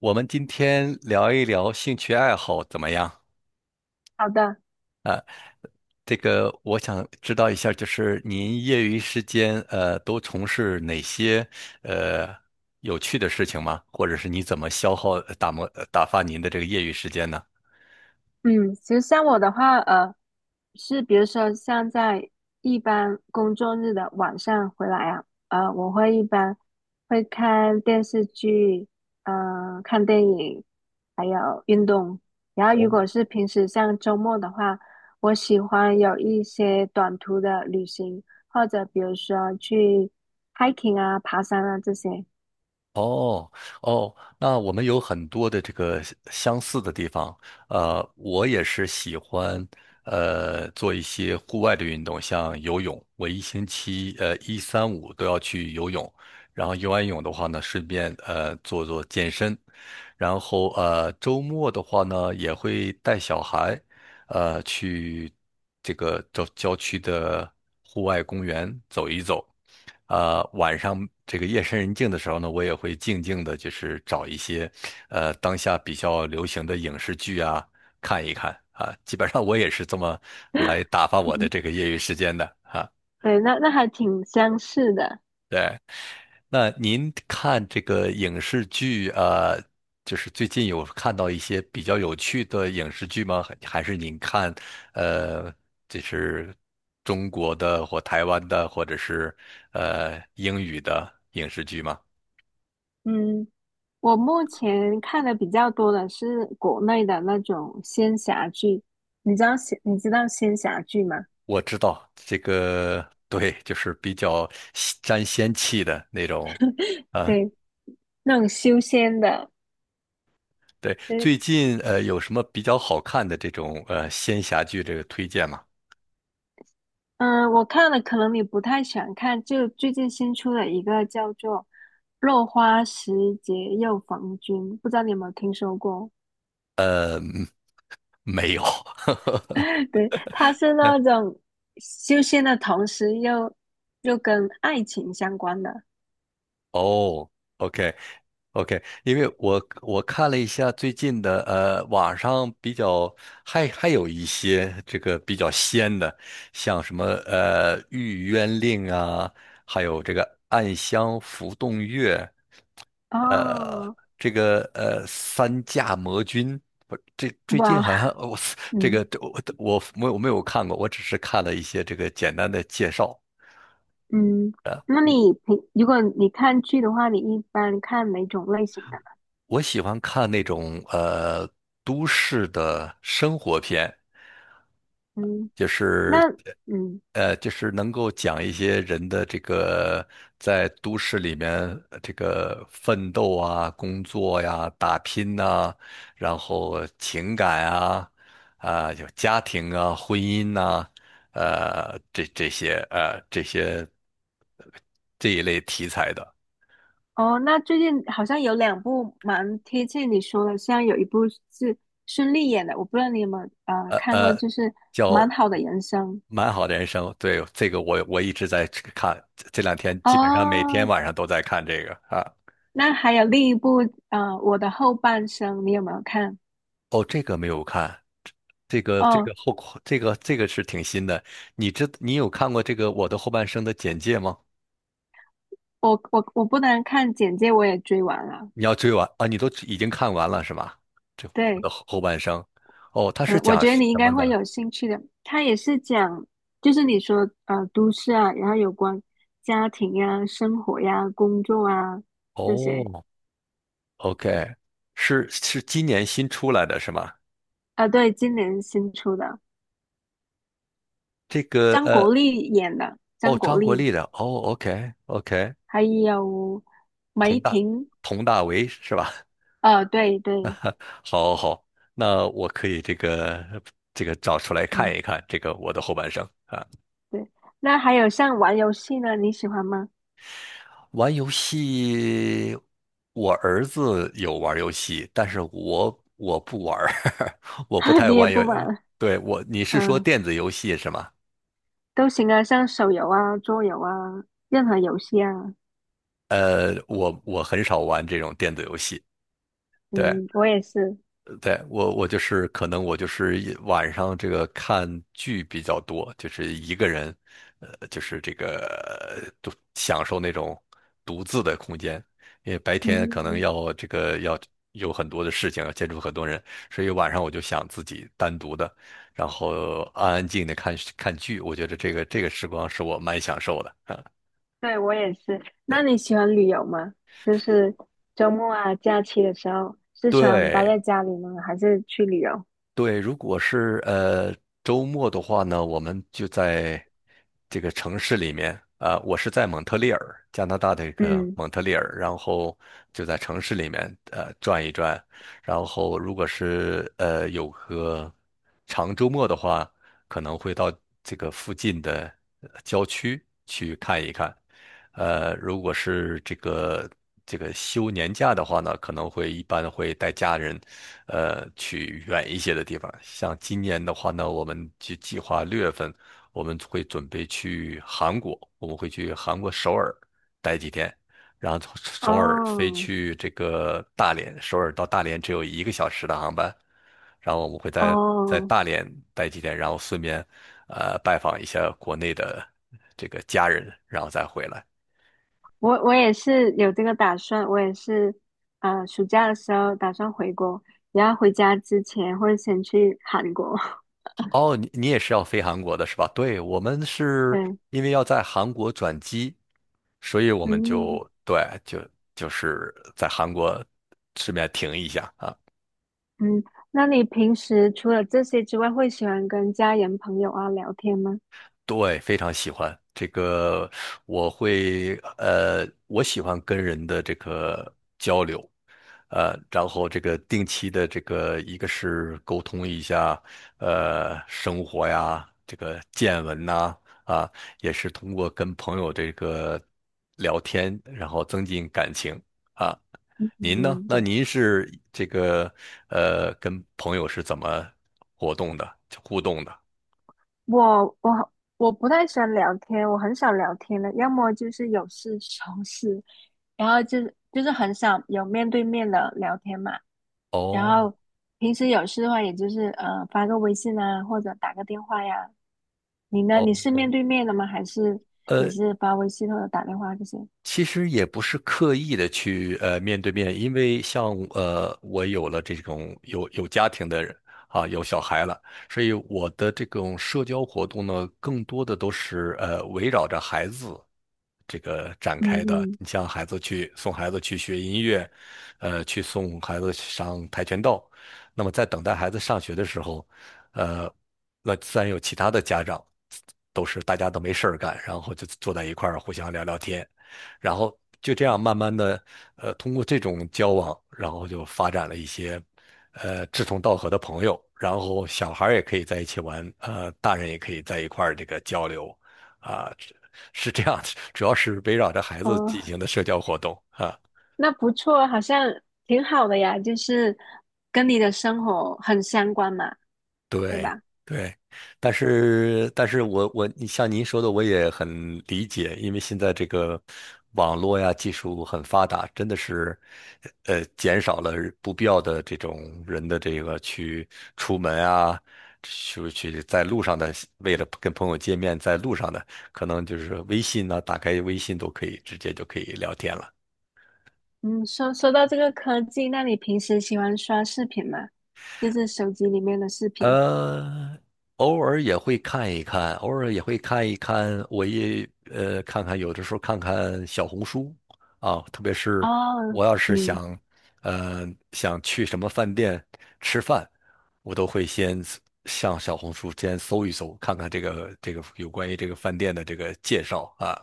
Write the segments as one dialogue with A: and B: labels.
A: 我们今天聊一聊兴趣爱好怎么样？
B: 好的。
A: 这个我想知道一下，就是您业余时间都从事哪些呃有趣的事情吗？或者是你怎么消耗打磨打发您的这个业余时间呢？
B: 嗯，其实像我的话，是比如说像在一般工作日的晚上回来啊，我会一般会看电视剧，看电影，还有运动。然后如
A: 哦。
B: 果是平时像周末的话，我喜欢有一些短途的旅行，或者比如说去 hiking 啊、爬山啊这些。
A: 哦哦，那我们有很多的这个相似的地方。我也是喜欢做一些户外的运动，像游泳。我一星期一三五都要去游泳，然后游完泳的话呢，顺便做做健身。然后周末的话呢，也会带小孩，去这个郊区的户外公园走一走。晚上这个夜深人静的时候呢，我也会静静的，就是找一些当下比较流行的影视剧啊看一看啊。基本上我也是这么来打发 我的
B: 嗯，
A: 这个业余时间的啊。
B: 对，那还挺相似的。
A: 对。那您看这个影视剧，就是最近有看到一些比较有趣的影视剧吗？还是您看，呃，这是中国的或台湾的，或者是英语的影视剧吗？
B: 嗯。我目前看的比较多的是国内的那种仙侠剧，你知道仙侠剧吗？
A: 我知道这个，对，就是比较吸沾仙气的那种，啊，
B: 对，那种修仙的。
A: 对，
B: 对。
A: 最近有什么比较好看的这种仙侠剧这个推荐吗？
B: 嗯，我看了，可能你不太喜欢看，就最近新出了一个叫做《落花时节又逢君》，不知道你有没有听说过？
A: 没有。
B: 对，它是那种修仙的同时又跟爱情相关的。
A: 哦，OK OK，因为我看了一下最近的，网上比较还有一些这个比较仙的，像什么《玉渊令》啊，还有这个《暗香浮动月》，呃，
B: 哦，
A: 这个《三驾魔君》不是，这最近
B: 哇，
A: 好像我 这
B: 嗯。
A: 个这我没有看过，我只是看了一些这个简单的介绍。
B: 嗯，那你平，如果你看剧的话，你一般看哪种类型的呢？
A: 我喜欢看那种都市的生活片，
B: 嗯。
A: 就是
B: 那嗯。
A: 就是能够讲一些人的这个在都市里面这个奋斗啊、工作呀、打拼呐、然后情感啊、啊、有家庭啊、婚姻呐、呃这这些呃这些呃这一类题材的。
B: 哦，那最近好像有两部蛮贴切你说的，像有一部是孙俪演的，我不知道你有没有看过，
A: 呃，
B: 就是
A: 叫
B: 《蛮好的人生》。
A: 蛮好的人生。对，这个我一直在去看，这两天基本上每天
B: 哦。
A: 晚上都在看这个啊。
B: 那还有另一部啊，《我的后半生》，你有没有看？
A: 哦，这个没有看，这个这
B: 哦，
A: 个后这个是挺新的。你有看过这个《我的后半生》的简介吗？
B: 我不能看简介，我也追完了。
A: 你要追完啊？你都已经看完了是吗？这我
B: 对。
A: 的后半生，哦，它是
B: 嗯，我
A: 讲
B: 觉得
A: 什
B: 你应该
A: 么
B: 会
A: 的？
B: 有兴趣的。它也是讲，就是你说都市啊，然后有关家庭呀、生活呀、工作啊这些。
A: 哦，OK，是今年新出来的是吗？
B: 啊，对，今年新出的，
A: 这个
B: 张国立演的，张
A: 哦，
B: 国
A: 张国
B: 立，
A: 立的，哦，OK，OK，
B: 还有梅婷。
A: 佟大为是吧？
B: 啊，对对。
A: 好，好，好，那我可以这个找出来看
B: 嗯，
A: 一看这个我的后半生啊。
B: 对。那还有像玩游戏呢，你喜欢吗？
A: 玩游戏，我儿子有玩游戏，但是我不玩儿 我不 太
B: 你也
A: 玩游。
B: 不玩。
A: 对，我，你是说
B: 嗯，
A: 电子游戏是吗？
B: 都行啊，像手游啊、桌游啊，任何游戏啊。
A: 我很少玩这种电子游戏。对，
B: 嗯，我也是。
A: 对，我就是可能我就是一晚上这个看剧比较多，就是一个人，就是这个独享受那种独自的空间，因为白天可能
B: 嗯。
A: 要这个要有很多的事情，要接触很多人，所以晚上我就想自己单独的，然后安安静静的看看剧，我觉得这个时光是我蛮享受的啊。
B: 对，我也是。那你喜欢旅游吗？就是周末啊、假期的时候，是喜欢待
A: 对，
B: 在家里呢，还是去旅游？
A: 对，如果是周末的话呢，我们就在这个城市里面。啊、我是在蒙特利尔，加拿大的一个
B: 嗯。
A: 蒙特利尔，然后就在城市里面转一转。然后如果是有个长周末的话，可能会到这个附近的郊区去看一看。如果是这个休年假的话呢，可能会一般会带家人，去远一些的地方。像今年的话呢，我们就计划6月份我们会准备去韩国，我们会去韩国首尔待几天，然后从首尔飞
B: 哦
A: 去这个大连，首尔到大连只有1个小时的航班，然后我们会在
B: 哦，
A: 大连待几天，然后顺便拜访一下国内的这个家人，然后再回来。
B: 我我也是有这个打算，我也是，啊，暑假的时候打算回国，然后回家之前会先去韩国。
A: 哦，你也是要飞韩国的是吧？对，我们是
B: 对。
A: 因为要在韩国转机，所以我们
B: 嗯
A: 就对，就是在韩国顺便停一下。啊。
B: 嗯，那你平时除了这些之外，会喜欢跟家人朋友啊聊天吗？
A: 对，非常喜欢这个，我喜欢跟人的这个交流，然后这个定期的这个一个是沟通一下，生活呀，这个见闻呐，啊，也是通过跟朋友这个聊天，然后增进感情啊。您呢？
B: 嗯，
A: 那
B: 对。
A: 您是这个跟朋友是怎么活动的，互动的？
B: 我我我不太喜欢聊天，我很少聊天的，要么就是有事求事，然后就是很少有面对面的聊天嘛。然
A: 哦
B: 后平时有事的话，也就是发个微信啊，或者打个电话呀。你呢？你是
A: 哦。
B: 面对面的吗？还是也
A: 呃。
B: 是发微信或者打电话这些？
A: 其实也不是刻意的去面对面，因为像我有了这种有家庭的人啊，有小孩了，所以我的这种社交活动呢，更多的都是围绕着孩子这个展
B: 嗯
A: 开的。
B: 嗯。
A: 你像孩子去送孩子去学音乐，去送孩子上跆拳道，那么在等待孩子上学的时候，呃，那自然有其他的家长，都是大家都没事儿干，然后就坐在一块儿互相聊聊天，然后就这样慢慢的，通过这种交往，然后就发展了一些，志同道合的朋友，然后小孩儿也可以在一起玩，大人也可以在一块儿这个交流，啊，是这样，主要是围绕着孩子
B: 哦，
A: 进行的社交活动啊。
B: 那不错，好像挺好的呀，就是跟你的生活很相关嘛，对
A: 对
B: 吧？
A: 对，但是我你像您说的，我也很理解，因为现在这个网络呀技术很发达，真的是减少了不必要的这种人的这个去出门啊，去在路上的，为了跟朋友见面，在路上的可能就是微信呢、打开微信都可以直接就可以聊天了。
B: 嗯，说说到这个科技，那你平时喜欢刷视频吗？就是手机里面的视频。
A: 呃，偶尔也会看一看，我也看看，有的时候看看小红书啊，特别是
B: 哦。
A: 我要是
B: 嗯
A: 呃想去什么饭店吃饭，我都会先上小红书先搜一搜，看看这个有关于这个饭店的这个介绍啊。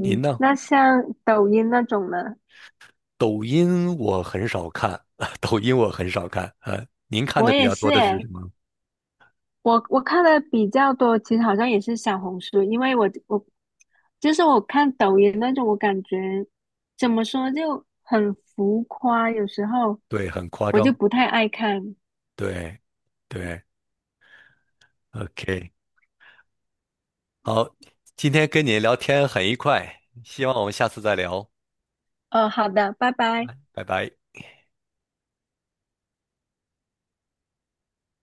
A: 您呢？
B: 那像抖音那种呢，
A: 抖音我很少看，抖音我很少看，您看
B: 我
A: 的比
B: 也
A: 较
B: 是
A: 多的是
B: 诶，
A: 什么？
B: 我我看的比较多，其实好像也是小红书，因为我我就是我看抖音那种，我感觉怎么说就很浮夸，有时候
A: 对，很夸
B: 我
A: 张，
B: 就不太爱看。
A: 对。对，OK，好，今天跟你聊天很愉快，希望我们下次再聊，
B: 好的，拜拜。
A: 拜拜。